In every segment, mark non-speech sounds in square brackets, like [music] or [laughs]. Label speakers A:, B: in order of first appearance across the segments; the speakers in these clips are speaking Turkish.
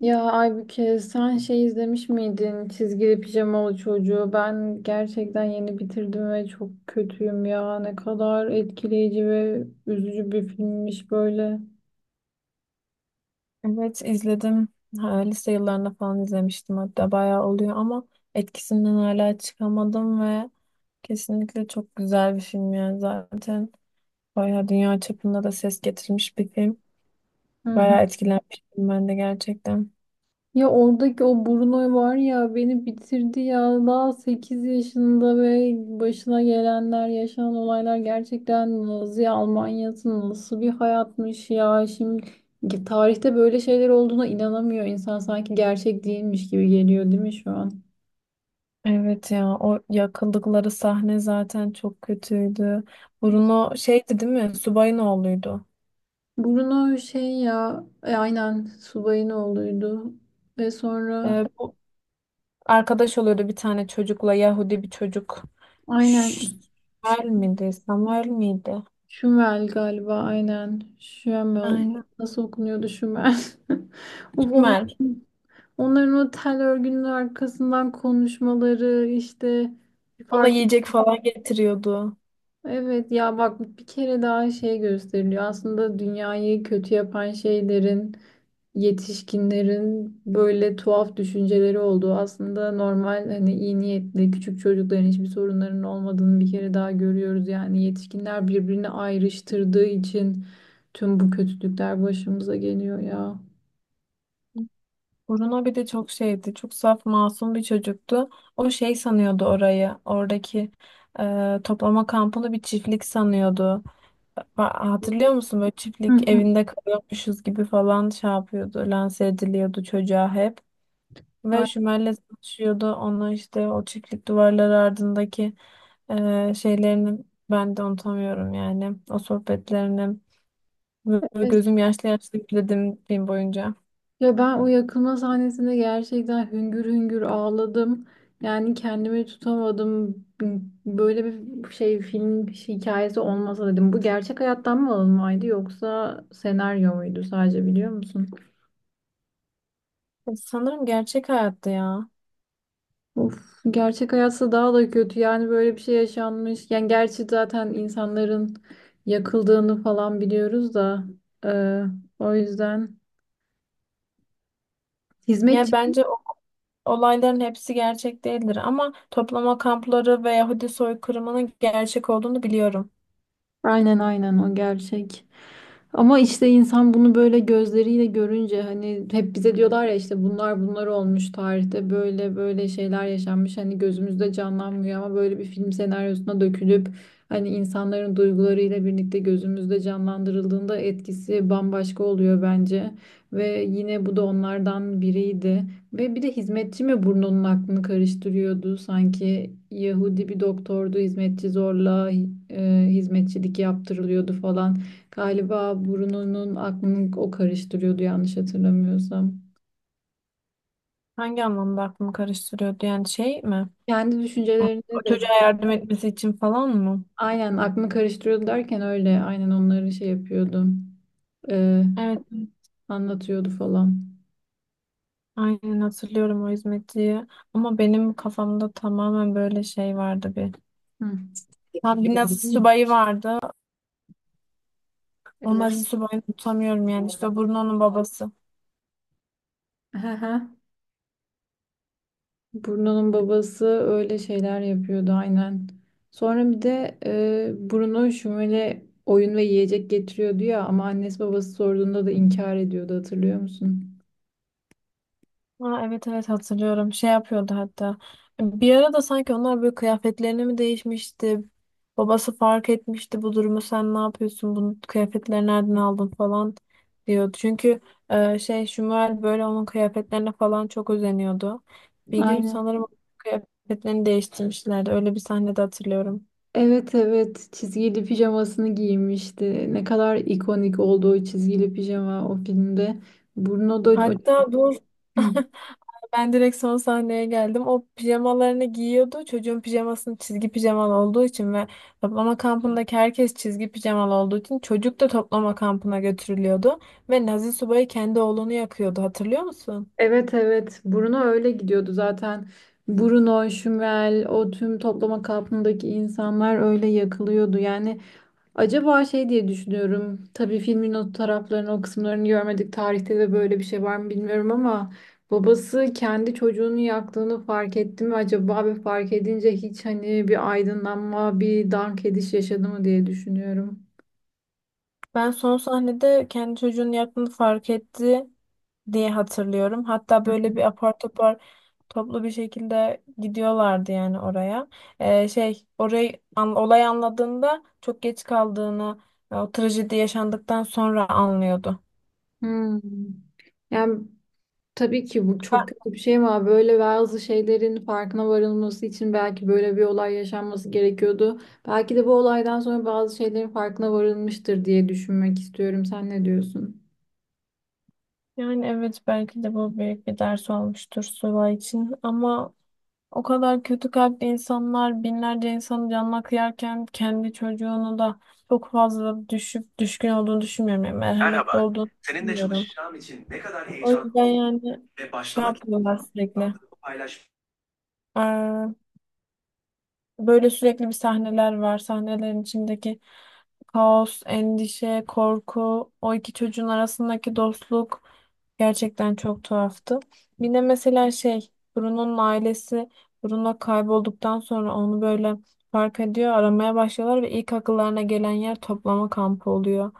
A: Ya Aybüke sen şey izlemiş miydin? Çizgili pijamalı çocuğu. Ben gerçekten yeni bitirdim ve çok kötüyüm ya. Ne kadar etkileyici ve üzücü bir filmmiş böyle.
B: Evet izledim. Ha, Lise yıllarında falan izlemiştim hatta bayağı oluyor ama etkisinden hala çıkamadım ve kesinlikle çok güzel bir film yani zaten bayağı dünya çapında da ses getirmiş bir film.
A: Hı hı.
B: Bayağı etkilenmiştim ben de gerçekten.
A: Ya oradaki o Bruno var ya beni bitirdi ya. Daha 8 yaşında ve başına gelenler, yaşanan olaylar gerçekten Nazi Almanya'sı nasıl bir hayatmış ya. Şimdi tarihte böyle şeyler olduğuna inanamıyor insan. Sanki gerçek değilmiş gibi geliyor değil mi şu an?
B: Evet ya o yakıldıkları sahne zaten çok kötüydü. Bruno şeydi değil mi? Subayın oğluydu.
A: Bruno şey ya aynen subayın oğluydu. Ve sonra
B: Bu arkadaş oluyordu bir tane çocukla Yahudi bir çocuk. Ş-
A: aynen
B: Şmuel miydi? Samuel miydi?
A: Şümel galiba aynen Şümel
B: Aynen.
A: nasıl okunuyordu Şümel? [laughs] Of,
B: Şmuel.
A: onların o tel örgünün arkasından konuşmaları işte bir
B: Ona
A: fark
B: yiyecek falan getiriyordu.
A: evet ya bak bir kere daha şey gösteriliyor. Aslında dünyayı kötü yapan şeylerin yetişkinlerin böyle tuhaf düşünceleri olduğu aslında normal hani iyi niyetli küçük çocukların hiçbir sorunlarının olmadığını bir kere daha görüyoruz. Yani yetişkinler birbirini ayrıştırdığı için tüm bu kötülükler başımıza geliyor ya.
B: Bruno bir de çok şeydi. Çok saf masum bir çocuktu. O şey sanıyordu orayı. Oradaki toplama kampını bir çiftlik sanıyordu. Hatırlıyor musun böyle
A: Hı
B: çiftlik
A: hı.
B: evinde kalıyormuşuz gibi falan şey yapıyordu. Lanse ediliyordu çocuğa hep. Ve Şümer'le çalışıyordu. Ona işte o çiftlik duvarları ardındaki şeylerini ben de unutamıyorum yani. O sohbetlerini. Böyle
A: Aynen.
B: gözüm yaşlı yaşlı gülüyordum film boyunca.
A: Ya ben o yakılma sahnesinde gerçekten hüngür hüngür ağladım. Yani kendimi tutamadım. Böyle bir şey film hikayesi olmasa dedim. Bu gerçek hayattan mı alınmaydı yoksa senaryo muydu sadece biliyor musun?
B: Sanırım gerçek hayatta ya.
A: Of, gerçek hayatsa daha da kötü. Yani böyle bir şey yaşanmış. Yani gerçi zaten insanların yakıldığını falan biliyoruz da. e, O yüzden
B: Yani
A: hizmetçi.
B: bence olayların hepsi gerçek değildir ama toplama kampları ve Yahudi soykırımının gerçek olduğunu biliyorum.
A: Aynen aynen o gerçek. Ama işte insan bunu böyle gözleriyle görünce hani hep bize diyorlar ya işte bunlar olmuş tarihte böyle böyle şeyler yaşanmış hani gözümüzde canlanmıyor ama böyle bir film senaryosuna dökülüp hani insanların duygularıyla birlikte gözümüzde canlandırıldığında etkisi bambaşka oluyor bence ve yine bu da onlardan biriydi. Ve bir de hizmetçi mi burnunun aklını karıştırıyordu? Sanki Yahudi bir doktordu, hizmetçi zorla hizmetçilik yaptırılıyordu falan. Galiba burnunun aklını o karıştırıyordu yanlış hatırlamıyorsam.
B: Hangi anlamda aklımı karıştırıyor diyen şey mi?
A: Kendi
B: O
A: düşüncelerini de
B: çocuğa
A: işte,
B: yardım etmesi için falan mı?
A: aynen aklını karıştırıyordu derken öyle aynen onları şey yapıyordu. e,
B: Evet,
A: Anlatıyordu falan.
B: aynen hatırlıyorum o hizmetçiyi. Ama benim kafamda tamamen böyle şey vardı bir.
A: Hı.
B: Ha, bir Nazi subayı vardı. O
A: Evet.
B: Nazi subayını tutamıyorum yani. İşte o Bruno'nun babası.
A: [laughs] Bruno'nun babası öyle şeyler yapıyordu aynen. Sonra bir de Bruno Şumel'e oyun ve yiyecek getiriyordu ya ama annesi babası sorduğunda da inkar ediyordu hatırlıyor musun?
B: Ha, evet, evet, hatırlıyorum. Şey yapıyordu hatta. Bir ara da sanki onlar böyle kıyafetlerini mi değişmişti? Babası fark etmişti bu durumu. Sen ne yapıyorsun? Bunu kıyafetleri nereden aldın falan diyordu. Çünkü Şumuel böyle onun kıyafetlerine falan çok özeniyordu. Bir gün
A: Aynen.
B: sanırım onun kıyafetlerini değiştirmişlerdi. Öyle bir sahnede hatırlıyorum.
A: Evet evet çizgili pijamasını giymişti. Ne kadar ikonik oldu o çizgili pijama o filmde. Bruno da
B: Hatta dur.
A: Hı.
B: [laughs] Ben direkt son sahneye geldim. O pijamalarını giyiyordu. Çocuğun pijamasının çizgi pijamalı olduğu için ve toplama kampındaki herkes çizgi pijamalı olduğu için çocuk da toplama kampına götürülüyordu. Ve Nazi subayı kendi oğlunu yakıyordu. Hatırlıyor musun?
A: Evet evet Bruno öyle gidiyordu zaten. Bruno, Şumel, o tüm toplama kampındaki insanlar öyle yakılıyordu. Yani acaba şey diye düşünüyorum. Tabii filmin o taraflarını, o kısımlarını görmedik. Tarihte de böyle bir şey var mı bilmiyorum ama babası kendi çocuğunu yaktığını fark etti mi acaba ve fark edince hiç hani bir aydınlanma, bir dank ediş yaşadı mı diye düşünüyorum.
B: Ben son sahnede kendi çocuğunu yaktığını fark etti diye hatırlıyorum. Hatta böyle bir apar topar toplu bir şekilde gidiyorlardı yani oraya. Şey orayı olay anladığında çok geç kaldığını, o trajedi yaşandıktan sonra anlıyordu.
A: Hmm. Yani tabii ki bu
B: Ha,
A: çok kötü bir şey ama böyle bazı şeylerin farkına varılması için belki böyle bir olay yaşanması gerekiyordu. Belki de bu olaydan sonra bazı şeylerin farkına varılmıştır diye düşünmek istiyorum. Sen ne diyorsun?
B: Yani evet belki de bu büyük bir ders olmuştur Sıla için ama o kadar kötü kalpli insanlar binlerce insanın canına kıyarken kendi çocuğunu da çok fazla düşüp düşkün olduğunu düşünmüyorum. Yani merhametli olduğunu düşünmüyorum. O yüzden yani şey yapıyorlar sürekli. Ee, Böyle sürekli bir sahneler var. Sahnelerin içindeki kaos, endişe, korku, o iki çocuğun arasındaki dostluk gerçekten çok tuhaftı. Bir de mesela şey, Bruno'nun ailesi Bruno kaybolduktan sonra onu böyle fark ediyor, aramaya başlıyorlar ve ilk akıllarına gelen yer toplama kampı oluyor.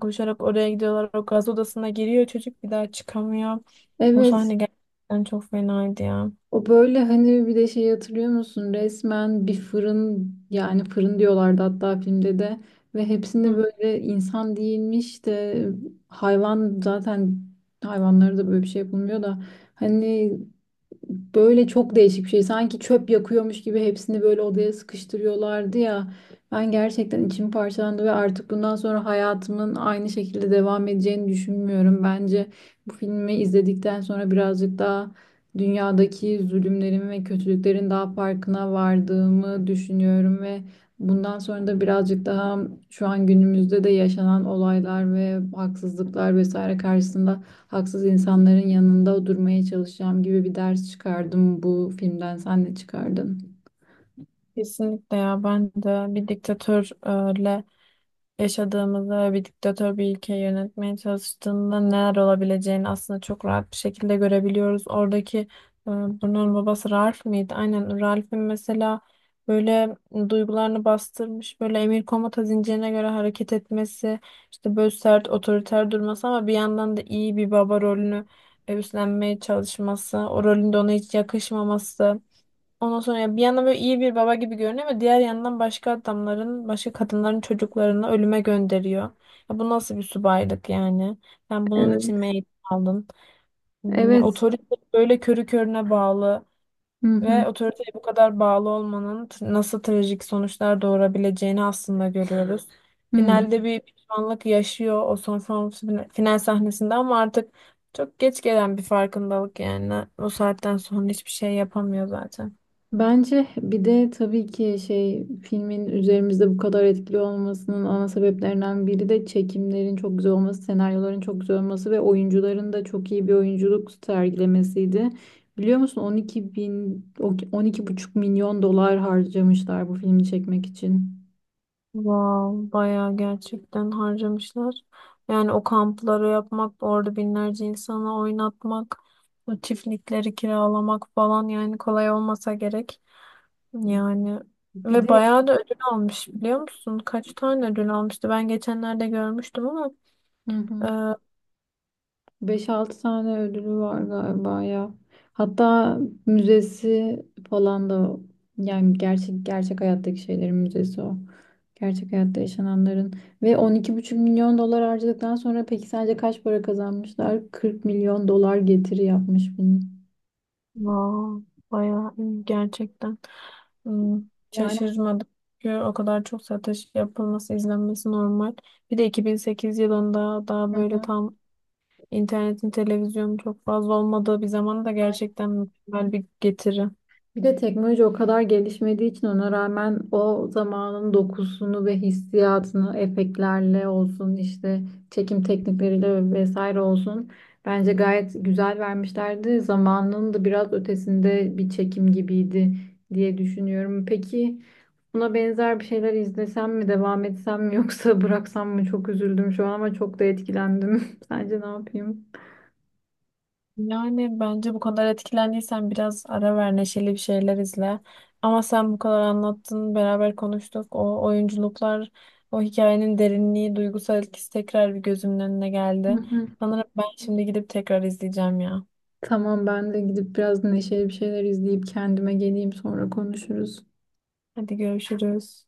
B: Koşarak oraya gidiyorlar. O gaz odasına giriyor çocuk bir daha çıkamıyor. O
A: Evet,
B: sahne gerçekten çok fenaydı ya.
A: o böyle hani bir de şey hatırlıyor musun? Resmen bir fırın yani fırın diyorlardı hatta filmde de ve hepsinde
B: Hı.
A: böyle insan değilmiş de hayvan zaten hayvanlara da böyle bir şey yapılmıyor da hani böyle çok değişik bir şey. Sanki çöp yakıyormuş gibi hepsini böyle odaya sıkıştırıyorlardı ya. Ben gerçekten içim parçalandı ve artık bundan sonra hayatımın aynı şekilde devam edeceğini düşünmüyorum. Bence bu filmi izledikten sonra birazcık daha dünyadaki zulümlerin ve kötülüklerin daha farkına vardığımı düşünüyorum ve bundan sonra da birazcık daha şu an günümüzde de yaşanan olaylar ve haksızlıklar vesaire karşısında haksız insanların yanında durmaya çalışacağım gibi bir ders çıkardım bu filmden. Sen ne çıkardın?
B: Kesinlikle ya ben de bir diktatörle yaşadığımızda ve bir diktatör bir ülkeyi yönetmeye çalıştığında neler olabileceğini aslında çok rahat bir şekilde görebiliyoruz. Oradaki bunun babası Ralph mıydı? Aynen Ralph'in mesela böyle duygularını bastırmış böyle emir komuta zincirine göre hareket etmesi işte böyle sert otoriter durması ama bir yandan da iyi bir baba rolünü üstlenmeye çalışması o rolünde ona hiç yakışmaması. Ondan sonra ya bir yandan böyle iyi bir baba gibi görünüyor ama diğer yandan başka adamların, başka kadınların çocuklarını ölüme gönderiyor. Ya bu nasıl bir subaylık yani? Sen bunun
A: Evet.
B: için mi eğitim aldın? Hmm, ya
A: Evet.
B: otorite böyle körü körüne bağlı
A: Hı hı.
B: ve otoriteye bu kadar bağlı olmanın nasıl trajik sonuçlar doğurabileceğini aslında görüyoruz.
A: Hı.
B: Finalde bir pişmanlık yaşıyor o son son final sahnesinde ama artık çok geç gelen bir farkındalık yani. O saatten sonra hiçbir şey yapamıyor zaten.
A: Bence bir de tabii ki şey filmin üzerimizde bu kadar etkili olmasının ana sebeplerinden biri de çekimlerin çok güzel olması, senaryoların çok güzel olması ve oyuncuların da çok iyi bir oyunculuk sergilemesiydi. Biliyor musun 12 bin, 12 buçuk milyon dolar harcamışlar bu filmi çekmek için.
B: Wow, bayağı gerçekten harcamışlar. Yani o kampları yapmak, orada binlerce insanı oynatmak, o çiftlikleri kiralamak falan yani kolay olmasa gerek. Yani
A: Bir
B: ve
A: de
B: bayağı da ödül almış biliyor musun? Kaç tane ödül almıştı? Ben geçenlerde görmüştüm ama
A: hı
B: e,
A: hı. Beş altı tane ödülü var galiba ya. Hatta müzesi falan da o. Yani gerçek gerçek hayattaki şeylerin müzesi o. Gerçek hayatta yaşananların ve 12,5 milyon dolar harcadıktan sonra peki sadece kaç para kazanmışlar? 40 milyon dolar getiri yapmış bunun.
B: wow, bayağı iyi gerçekten. Hmm,
A: Yani
B: şaşırmadım. Çünkü o kadar çok satış yapılması, izlenmesi normal. Bir de 2008 yılında daha
A: hı
B: böyle
A: hı.
B: tam İnternetin, televizyonun çok fazla olmadığı bir zamanda da gerçekten mükemmel bir getiri.
A: Bir de teknoloji o kadar gelişmediği için ona rağmen o zamanın dokusunu ve hissiyatını efektlerle olsun işte çekim teknikleriyle vesaire olsun bence gayet güzel vermişlerdi. Zamanının da biraz ötesinde bir çekim gibiydi diye düşünüyorum. Peki buna benzer bir şeyler izlesem mi, devam etsem mi yoksa bıraksam mı? Çok üzüldüm şu an ama çok da etkilendim. [laughs] Sence ne yapayım?
B: Yani bence bu kadar etkilendiysen biraz ara ver, neşeli bir şeyler izle. Ama sen bu kadar anlattın, beraber konuştuk. O oyunculuklar, o hikayenin derinliği, duygusal etkisi tekrar bir gözümün önüne geldi.
A: [laughs]
B: Sanırım ben şimdi gidip tekrar izleyeceğim ya.
A: Tamam ben de gidip biraz neşeli bir şeyler izleyip kendime geleyim sonra konuşuruz.
B: Hadi görüşürüz.